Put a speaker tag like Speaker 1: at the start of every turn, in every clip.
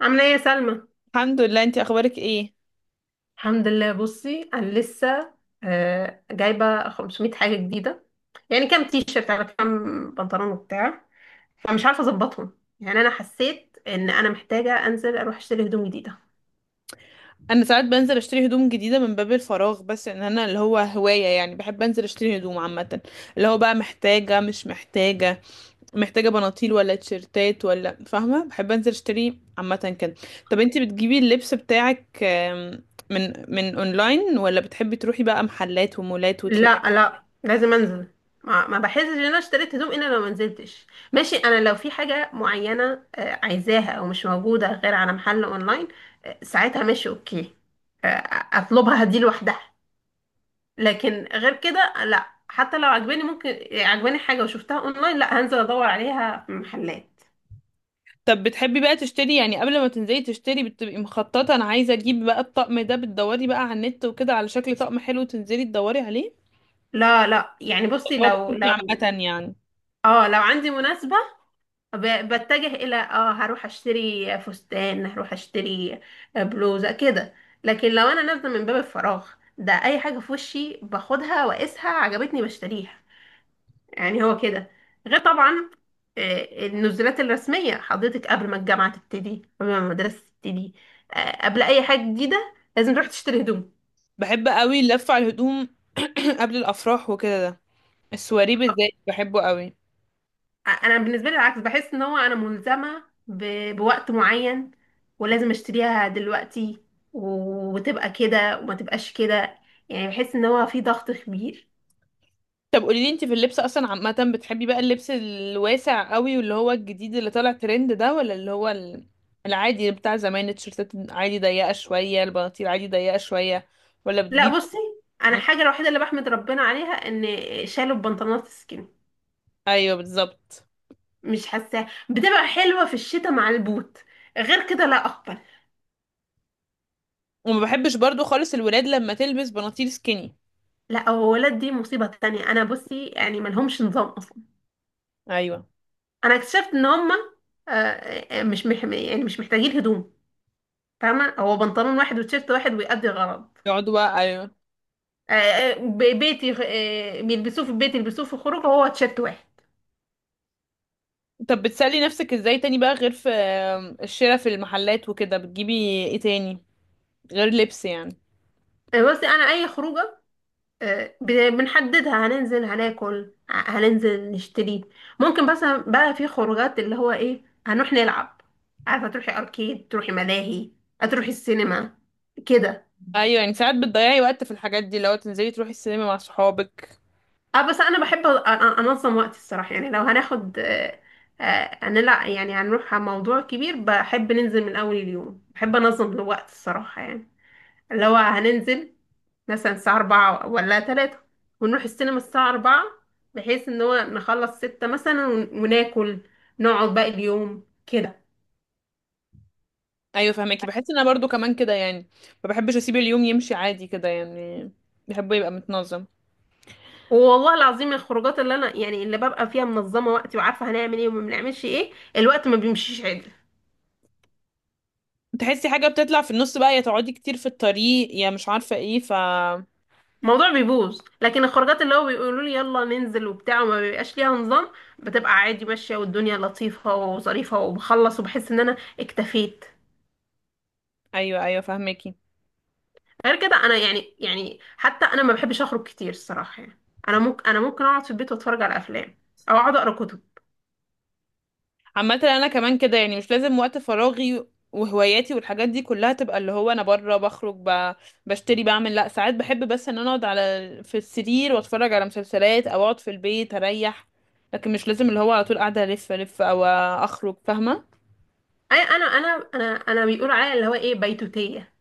Speaker 1: عاملة ايه يا سلمى؟
Speaker 2: الحمد لله، انتي اخبارك ايه؟
Speaker 1: الحمد لله. بصي انا لسه جايبة 500 حاجة جديدة، يعني كام تيشيرت على كام بنطلون وبتاع، فمش عارفة اظبطهم. يعني انا حسيت ان انا محتاجة انزل اروح اشتري هدوم جديدة.
Speaker 2: انا ساعات بنزل اشتري هدوم جديده من باب الفراغ، بس ان انا اللي هو هوايه يعني بحب انزل اشتري هدوم عامه. اللي هو بقى محتاجه مش محتاجه، محتاجه بناطيل ولا تيشرتات ولا فاهمه. بحب انزل اشتري عامه كده. طب انتي بتجيبي اللبس بتاعك من اونلاين ولا بتحبي تروحي بقى محلات ومولات وتلاقي؟
Speaker 1: لا لا، لازم انزل. ما بحسش ان انا اشتريت هدوم الا لو ما نزلتش. ماشي، انا لو في حاجة معينة عايزاها او مش موجودة غير على محل اونلاين، ساعتها ماشي، اوكي. اطلبها دي لوحدها. لكن غير كده لا. حتى لو عجباني، ممكن عجباني حاجة وشفتها اونلاين لا، هنزل ادور عليها في محلات.
Speaker 2: طب بتحبي بقى تشتري، يعني قبل ما تنزلي تشتري بتبقي مخططه انا عايزه اجيب بقى الطقم ده، بتدوري بقى على النت وكده على شكل طقم حلو تنزلي تدوري عليه؟
Speaker 1: لا لا يعني بصي،
Speaker 2: هو
Speaker 1: لو
Speaker 2: بشوفني
Speaker 1: لو
Speaker 2: عامة يعني.
Speaker 1: اه لو عندي مناسبة، بتجه الى هروح اشتري فستان، هروح اشتري بلوزة كده. لكن لو انا نازلة من باب الفراغ ده، اي حاجة في وشي باخدها واقيسها، عجبتني بشتريها. يعني هو كده. غير طبعا النزولات الرسمية حضرتك، قبل ما الجامعة تبتدي، قبل ما المدرسة تبتدي، قبل أي حاجة جديدة لازم تروح تشتري هدوم.
Speaker 2: بحب قوي اللف على الهدوم. قبل الأفراح وكده ده، السواري بالذات بحبه قوي.
Speaker 1: أنا بالنسبة لي العكس. بحس إن هو أنا ملزمة بوقت معين، ولازم أشتريها دلوقتي و- وتبقى كده وما تبقاش كده. يعني بحس إن هو في ضغط كبير.
Speaker 2: طب قولي لي انت في اللبس اصلا عامة، بتحبي بقى اللبس الواسع قوي واللي هو الجديد اللي طالع ترند ده، ولا اللي هو العادي بتاع زمان؟ التيشيرتات عادي ضيقة شوية، البناطيل عادي ضيقة شوية، ولا بتجيب؟
Speaker 1: لا بصي، أنا
Speaker 2: م-
Speaker 1: الحاجة الوحيدة اللي بحمد ربنا عليها إن شالوا البنطلونات السكين.
Speaker 2: ايوه بالظبط.
Speaker 1: مش حاساه بتبقى حلوة في الشتاء مع البوت. غير كده لا أقبل.
Speaker 2: وما بحبش برضو خالص الولاد لما تلبس بناطيل سكيني.
Speaker 1: لا، هو ولاد دي مصيبة تانية. أنا بصي يعني ملهمش نظام أصلا.
Speaker 2: ايوه،
Speaker 1: أنا اكتشفت إن هما مش مح يعني مش محتاجين هدوم. فاهمة، هو بنطلون واحد وتيشيرت واحد ويأدي الغرض.
Speaker 2: يقعدوا بقى، ايوه.
Speaker 1: بيتي، بيلبسوه في البيت، يلبسوه في الخروج. هو تيشيرت واحد.
Speaker 2: طب بتسلي نفسك ازاي تاني بقى، غير في الشراء في المحلات وكده بتجيبي ايه تاني غير لبس يعني؟
Speaker 1: بصي، أنا أي خروجة بنحددها، هننزل هناكل، هننزل نشتري. ممكن بس بقى في خروجات اللي هو ايه، هنروح نلعب، عارفه تروحي اركيد، تروحي ملاهي، هتروحي السينما كده.
Speaker 2: ايوه يعني، ساعات بتضيعي وقت في الحاجات دي لو تنزلي تروحي السينما مع صحابك.
Speaker 1: اه، بس انا بحب انظم وقتي الصراحه. يعني لو هناخد آه، آه، هنلع يعني هنروح على موضوع كبير، بحب ننزل من اول اليوم، بحب انظم الوقت الصراحه يعني. اللي هو هننزل مثلا الساعة أربعة ولا تلاتة، ونروح السينما الساعة أربعة، بحيث إن هو نخلص ستة مثلا ون- وناكل، نقعد باقي اليوم كده.
Speaker 2: ايوه فهماكي، بحس ان انا برضو كمان كده يعني. ما بحبش اسيب اليوم يمشي عادي كده يعني، بحبه يبقى متنظم.
Speaker 1: والله العظيم، الخروجات اللي أنا يعني اللي ببقى فيها منظمة وقتي وعارفة هنعمل إيه وما بنعملش إيه، الوقت ما بيمشيش عدل.
Speaker 2: تحسي حاجه بتطلع في النص بقى، يا تقعدي كتير في الطريق، يا مش عارفه ايه، ف...
Speaker 1: الموضوع بيبوظ. لكن الخروجات اللي هو بيقولوا لي يلا ننزل وبتاع، وما بيبقاش ليها نظام، بتبقى عادي ماشية، والدنيا لطيفة وظريفة، وبخلص وبحس إن أنا اكتفيت.
Speaker 2: ايوه ايوه فهماكي.
Speaker 1: غير كده انا يعني حتى انا ما بحبش اخرج كتير الصراحه يعني. انا ممكن اقعد في البيت واتفرج على افلام، او اقعد اقرا كتب.
Speaker 2: عامة انا كمان كده يعني، مش لازم وقت فراغي وهواياتي والحاجات دي كلها تبقى اللي هو انا بره بخرج ب... بشتري بعمل. لا، ساعات بحب بس ان انا اقعد على في السرير واتفرج على مسلسلات او اقعد في البيت اريح. لكن مش لازم اللي هو على طول قاعدة الف او اخرج، فاهمة.
Speaker 1: اي انا انا انا انا بيقولوا عليا اللي هو ايه، بيتوتيه.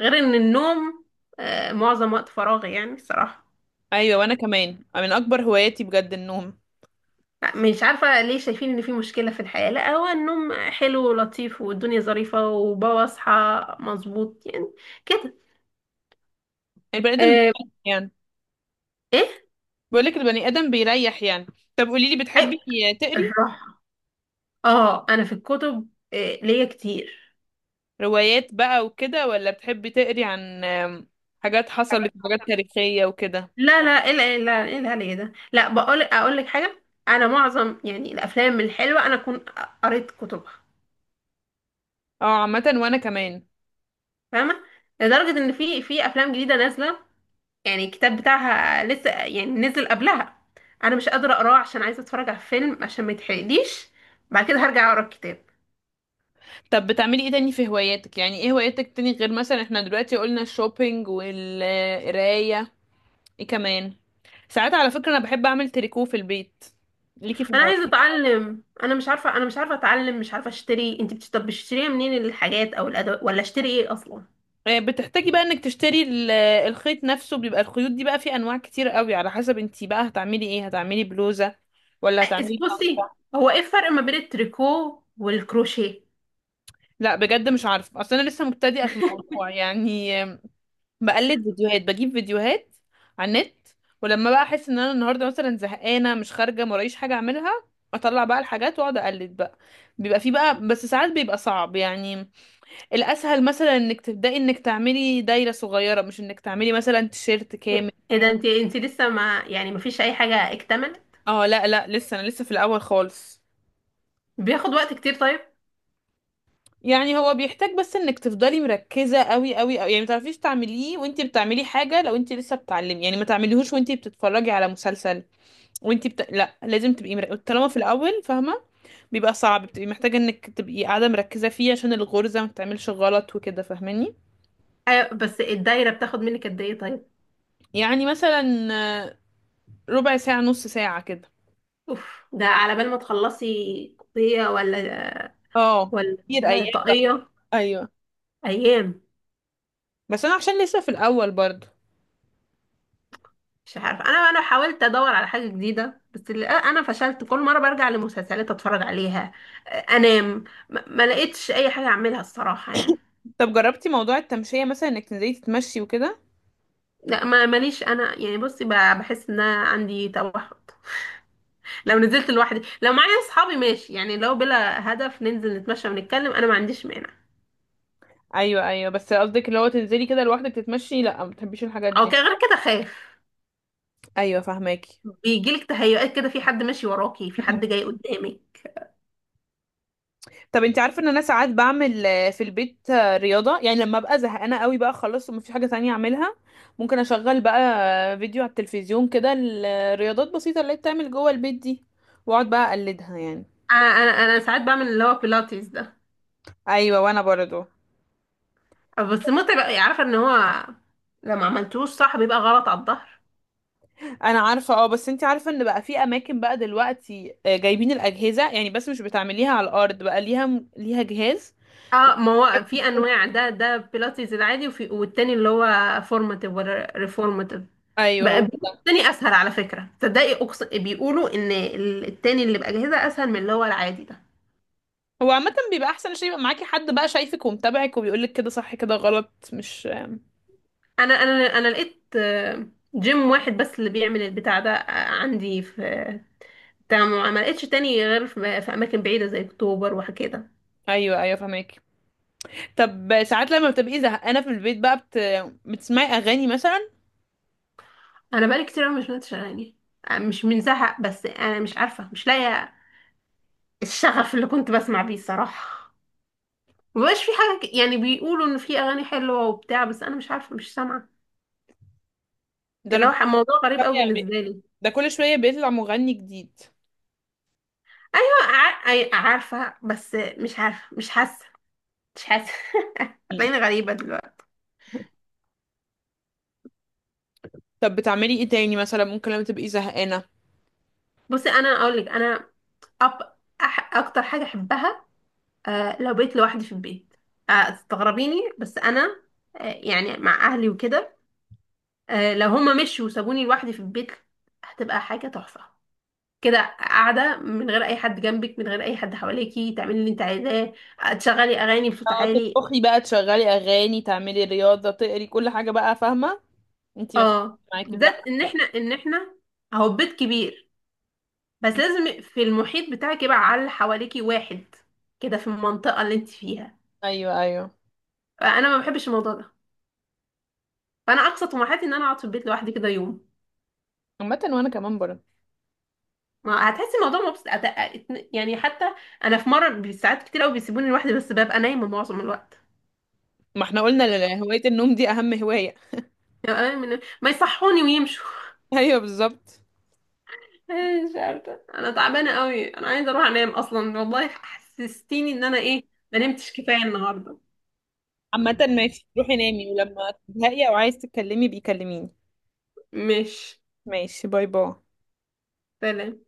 Speaker 1: غير ان النوم معظم وقت فراغي يعني الصراحه.
Speaker 2: ايوه، وانا كمان من اكبر هواياتي بجد النوم.
Speaker 1: لا، مش عارفه ليه شايفين ان في مشكله في الحياه. لا، هو النوم حلو ولطيف والدنيا ظريفه، وبصحى مظبوط يعني كده.
Speaker 2: البني ادم
Speaker 1: آه.
Speaker 2: بيريح يعني.
Speaker 1: ايه؟
Speaker 2: بقولك البني ادم بيريح يعني. طب قوليلي،
Speaker 1: اي.
Speaker 2: بتحبي تقري
Speaker 1: الراحه. اه، انا في الكتب ليا كتير.
Speaker 2: روايات بقى وكده، ولا بتحبي تقري عن حاجات حصلت،
Speaker 1: حاجات.
Speaker 2: حاجات تاريخية وكده؟
Speaker 1: لا لا. ايه ال- إيه ال- إيه الهري ده؟ لا، اقول لك حاجه. انا معظم يعني الافلام الحلوه انا اكون قريت كتبها.
Speaker 2: اه، عامة وانا كمان.
Speaker 1: فاهمه؟ لدرجه ان في افلام جديده نازله، يعني الكتاب بتاعها لسه يعني نزل قبلها، انا مش قادره اقراه عشان عايزه اتفرج على الفيلم عشان ما يتحرقليش. بعد كده هرجع اقرا الكتاب.
Speaker 2: طب بتعملي ايه تاني في هواياتك؟ يعني ايه هواياتك تاني، غير مثلا احنا دلوقتي قلنا الشوبينج والقراية، ايه كمان؟ ساعات على فكرة انا بحب اعمل تريكو في البيت، ليكي في
Speaker 1: انا
Speaker 2: الموضوع؟
Speaker 1: عايزه اتعلم. انا مش عارفه اتعلم، مش عارفه اشتري. طب بتشتريها منين الحاجات او الادوات؟ ولا اشتري ايه اصلا؟
Speaker 2: بتحتاجي بقى انك تشتري الخيط نفسه. بيبقى الخيوط دي بقى في انواع كتير قوي، على حسب انتي بقى هتعملي ايه، هتعملي بلوزة ولا هتعملي
Speaker 1: بصي،
Speaker 2: شنطة.
Speaker 1: هو ايه الفرق ما بين التريكو والكروشيه؟
Speaker 2: لا بجد مش عارفة، اصل انا لسه مبتدئة في الموضوع يعني. بقلد فيديوهات، بجيب فيديوهات على النت. ولما بقى احس ان انا النهارده مثلا زهقانه مش خارجه مرايش حاجه اعملها، اطلع بقى الحاجات واقعد اقلد بقى. بيبقى في بقى، بس ساعات بيبقى صعب يعني. الاسهل مثلا انك تبداي انك تعملي دايره صغيره، مش انك تعملي مثلا تيشيرت كامل.
Speaker 1: ايه ده، انت لسه ما يعني ما فيش اي حاجه اكتملت؟
Speaker 2: اه لا لا، لسه انا لسه في الاول خالص.
Speaker 1: بياخد وقت كتير طيب.
Speaker 2: يعني هو بيحتاج بس انك تفضلي مركزه قوي قوي قوي يعني. ما تعرفيش تعمليه وانتي بتعملي حاجه، لو انتي لسه بتعلمي يعني ما تعمليهوش وانتي بتتفرجي على مسلسل وانتي بت... لا لازم تبقي مر... طالما في الاول فاهمه، بيبقى صعب. بتبقي محتاجه انك تبقي قاعده مركزه فيه عشان الغرزه ما تعملش غلط وكده، فاهماني.
Speaker 1: أيوة، بس الدايره بتاخد منك قد ايه طيب؟
Speaker 2: يعني مثلا آه، ربع ساعه، نص ساعه كده.
Speaker 1: اوف، ده على بال ما تخلصي قضيه، ولا
Speaker 2: اه، كتير
Speaker 1: ولا
Speaker 2: ايام.
Speaker 1: طاقيه،
Speaker 2: ايوه،
Speaker 1: ايام.
Speaker 2: بس انا عشان لسه في الاول برضه.
Speaker 1: مش عارفه، انا حاولت ادور على حاجه جديده، بس انا فشلت. كل مره برجع لمسلسلات اتفرج عليها، آه، انام. ما لقيتش اي حاجه اعملها الصراحه يعني.
Speaker 2: طب جربتي موضوع التمشيه مثلا، انك تنزلي تتمشي وكده؟
Speaker 1: لا، ما ماليش. انا يعني بصي بحس ان انا عندي توحد. لو نزلت لوحدي. لو معايا اصحابي ماشي، يعني لو بلا هدف ننزل نتمشى ونتكلم انا ما عنديش مانع.
Speaker 2: ايوه ايوه، بس قصدك اللي هو تنزلي كده لوحدك تتمشي؟ لا ما بتحبيش الحاجات
Speaker 1: او
Speaker 2: دي.
Speaker 1: كده، غير كده خايف،
Speaker 2: ايوه فاهماكي.
Speaker 1: بيجيلك تهيؤات كده، في حد ماشي وراكي، في حد جاي قدامي.
Speaker 2: طب انت عارفه ان انا ساعات بعمل في البيت رياضه يعني، لما ابقى زهقانه قوي بقى خلاص ومفيش حاجه تانية اعملها. ممكن اشغل بقى فيديو على التلفزيون كده، الرياضات بسيطه اللي هي بتعمل جوه البيت دي، واقعد بقى اقلدها يعني.
Speaker 1: انا انا ساعات بعمل اللي هو بيلاتيز ده.
Speaker 2: ايوه، وانا برضو.
Speaker 1: بس متعب أوي. عارفه ان هو لما عملتوش صح بيبقى غلط على الظهر.
Speaker 2: انا عارفه اه، بس انت عارفه ان بقى في اماكن بقى دلوقتي جايبين الاجهزه يعني، بس مش بتعمليها على الارض بقى، ليها جهاز.
Speaker 1: اه، ما هو في
Speaker 2: فبجد...
Speaker 1: انواع، ده بيلاتيز العادي، وفي والتاني اللي هو فورماتيف ولا ريفورماتيف.
Speaker 2: ايوه هو
Speaker 1: بقى بيقولوا
Speaker 2: ده.
Speaker 1: التاني اسهل على فكره، تصدقي؟ بيقولوا ان التاني اللي باجهزه اسهل من اللي هو العادي ده.
Speaker 2: هو عامه بيبقى احسن عشان يبقى معاكي حد بقى شايفك ومتابعك وبيقولك كده صح كده غلط، مش
Speaker 1: انا انا لقيت جيم واحد بس اللي بيعمل البتاع ده عندي في، تمام. ما لقيتش تاني غير في اماكن بعيده زي اكتوبر وكده.
Speaker 2: ايوه ايوه فهمك. طب ساعات لما بتبقي زهقانه في البيت بقى بت... بتسمعي اغاني مثلا؟
Speaker 1: انا بقالي كتير أوي مش بنتش اغاني، مش من زهق، بس انا مش عارفه، مش لاقيه الشغف اللي كنت بسمع بيه الصراحه. مبقاش في حاجه يعني بيقولوا ان في اغاني حلوه وبتاع، بس انا مش عارفه، مش سامعه.
Speaker 2: ده انا
Speaker 1: اللي هو موضوع غريب
Speaker 2: بكل
Speaker 1: أوي
Speaker 2: شويه بي...
Speaker 1: بالنسبه لي.
Speaker 2: ده كل شويه بيطلع مغني جديد.
Speaker 1: ايوه عارفه، بس مش عارفه مش حاسه. مش حاسه
Speaker 2: مم.
Speaker 1: هتلاقيني غريبه دلوقتي.
Speaker 2: طب بتعملي ايه تاني مثلا ممكن لما تبقي زهقانه؟
Speaker 1: بصي، انا اقول لك، انا أب... اكتر حاجه احبها، لو بقيت لوحدي في البيت، تستغربيني، بس انا يعني مع اهلي وكده، لو هما مشوا وسابوني لوحدي في البيت هتبقى حاجه تحفه. كده قاعده من غير اي حد جنبك، من غير اي حد حواليكي، تعملي اللي انت عايزاه. تشغلي اغاني بصوت
Speaker 2: أو
Speaker 1: عالي.
Speaker 2: تطبخي بقى، تشغلي اغاني، تعملي رياضه، تقري، كل حاجه بقى فاهمه. انتي ما فيش
Speaker 1: اه،
Speaker 2: معاكي، براحتك
Speaker 1: بالذات ان
Speaker 2: بقى.
Speaker 1: احنا ان احنا اهو بيت كبير. بس
Speaker 2: مم.
Speaker 1: لازم في المحيط بتاعك يبقى على اللي حواليكي واحد كده، في المنطقه اللي انت فيها.
Speaker 2: ايوه ايوه.
Speaker 1: انا ما بحبش الموضوع ده. فانا اقصى طموحاتي ان انا اقعد في البيت لوحدي كده يوم.
Speaker 2: عامه وانا كمان برضه.
Speaker 1: ما هتحسي الموضوع مبسط يعني حتى انا في مره ساعات كتير قوي بيسيبوني لوحدي بس ببقى نايمه معظم الوقت.
Speaker 2: ما احنا قلنا هوايه النوم دي اهم هوايه.
Speaker 1: ما يصحوني ويمشوا.
Speaker 2: ايوه بالظبط.
Speaker 1: مش عارفه، انا تعبانه قوي، انا عايزه اروح انام اصلا. والله حسستيني ان انا ايه، ما نمتش كفايه النهارده.
Speaker 2: عامه ماشي، روحي نامي ولما تزهقي او عايز تتكلمي بيكلميني.
Speaker 1: مش
Speaker 2: ماشي، باي باي.
Speaker 1: سلام.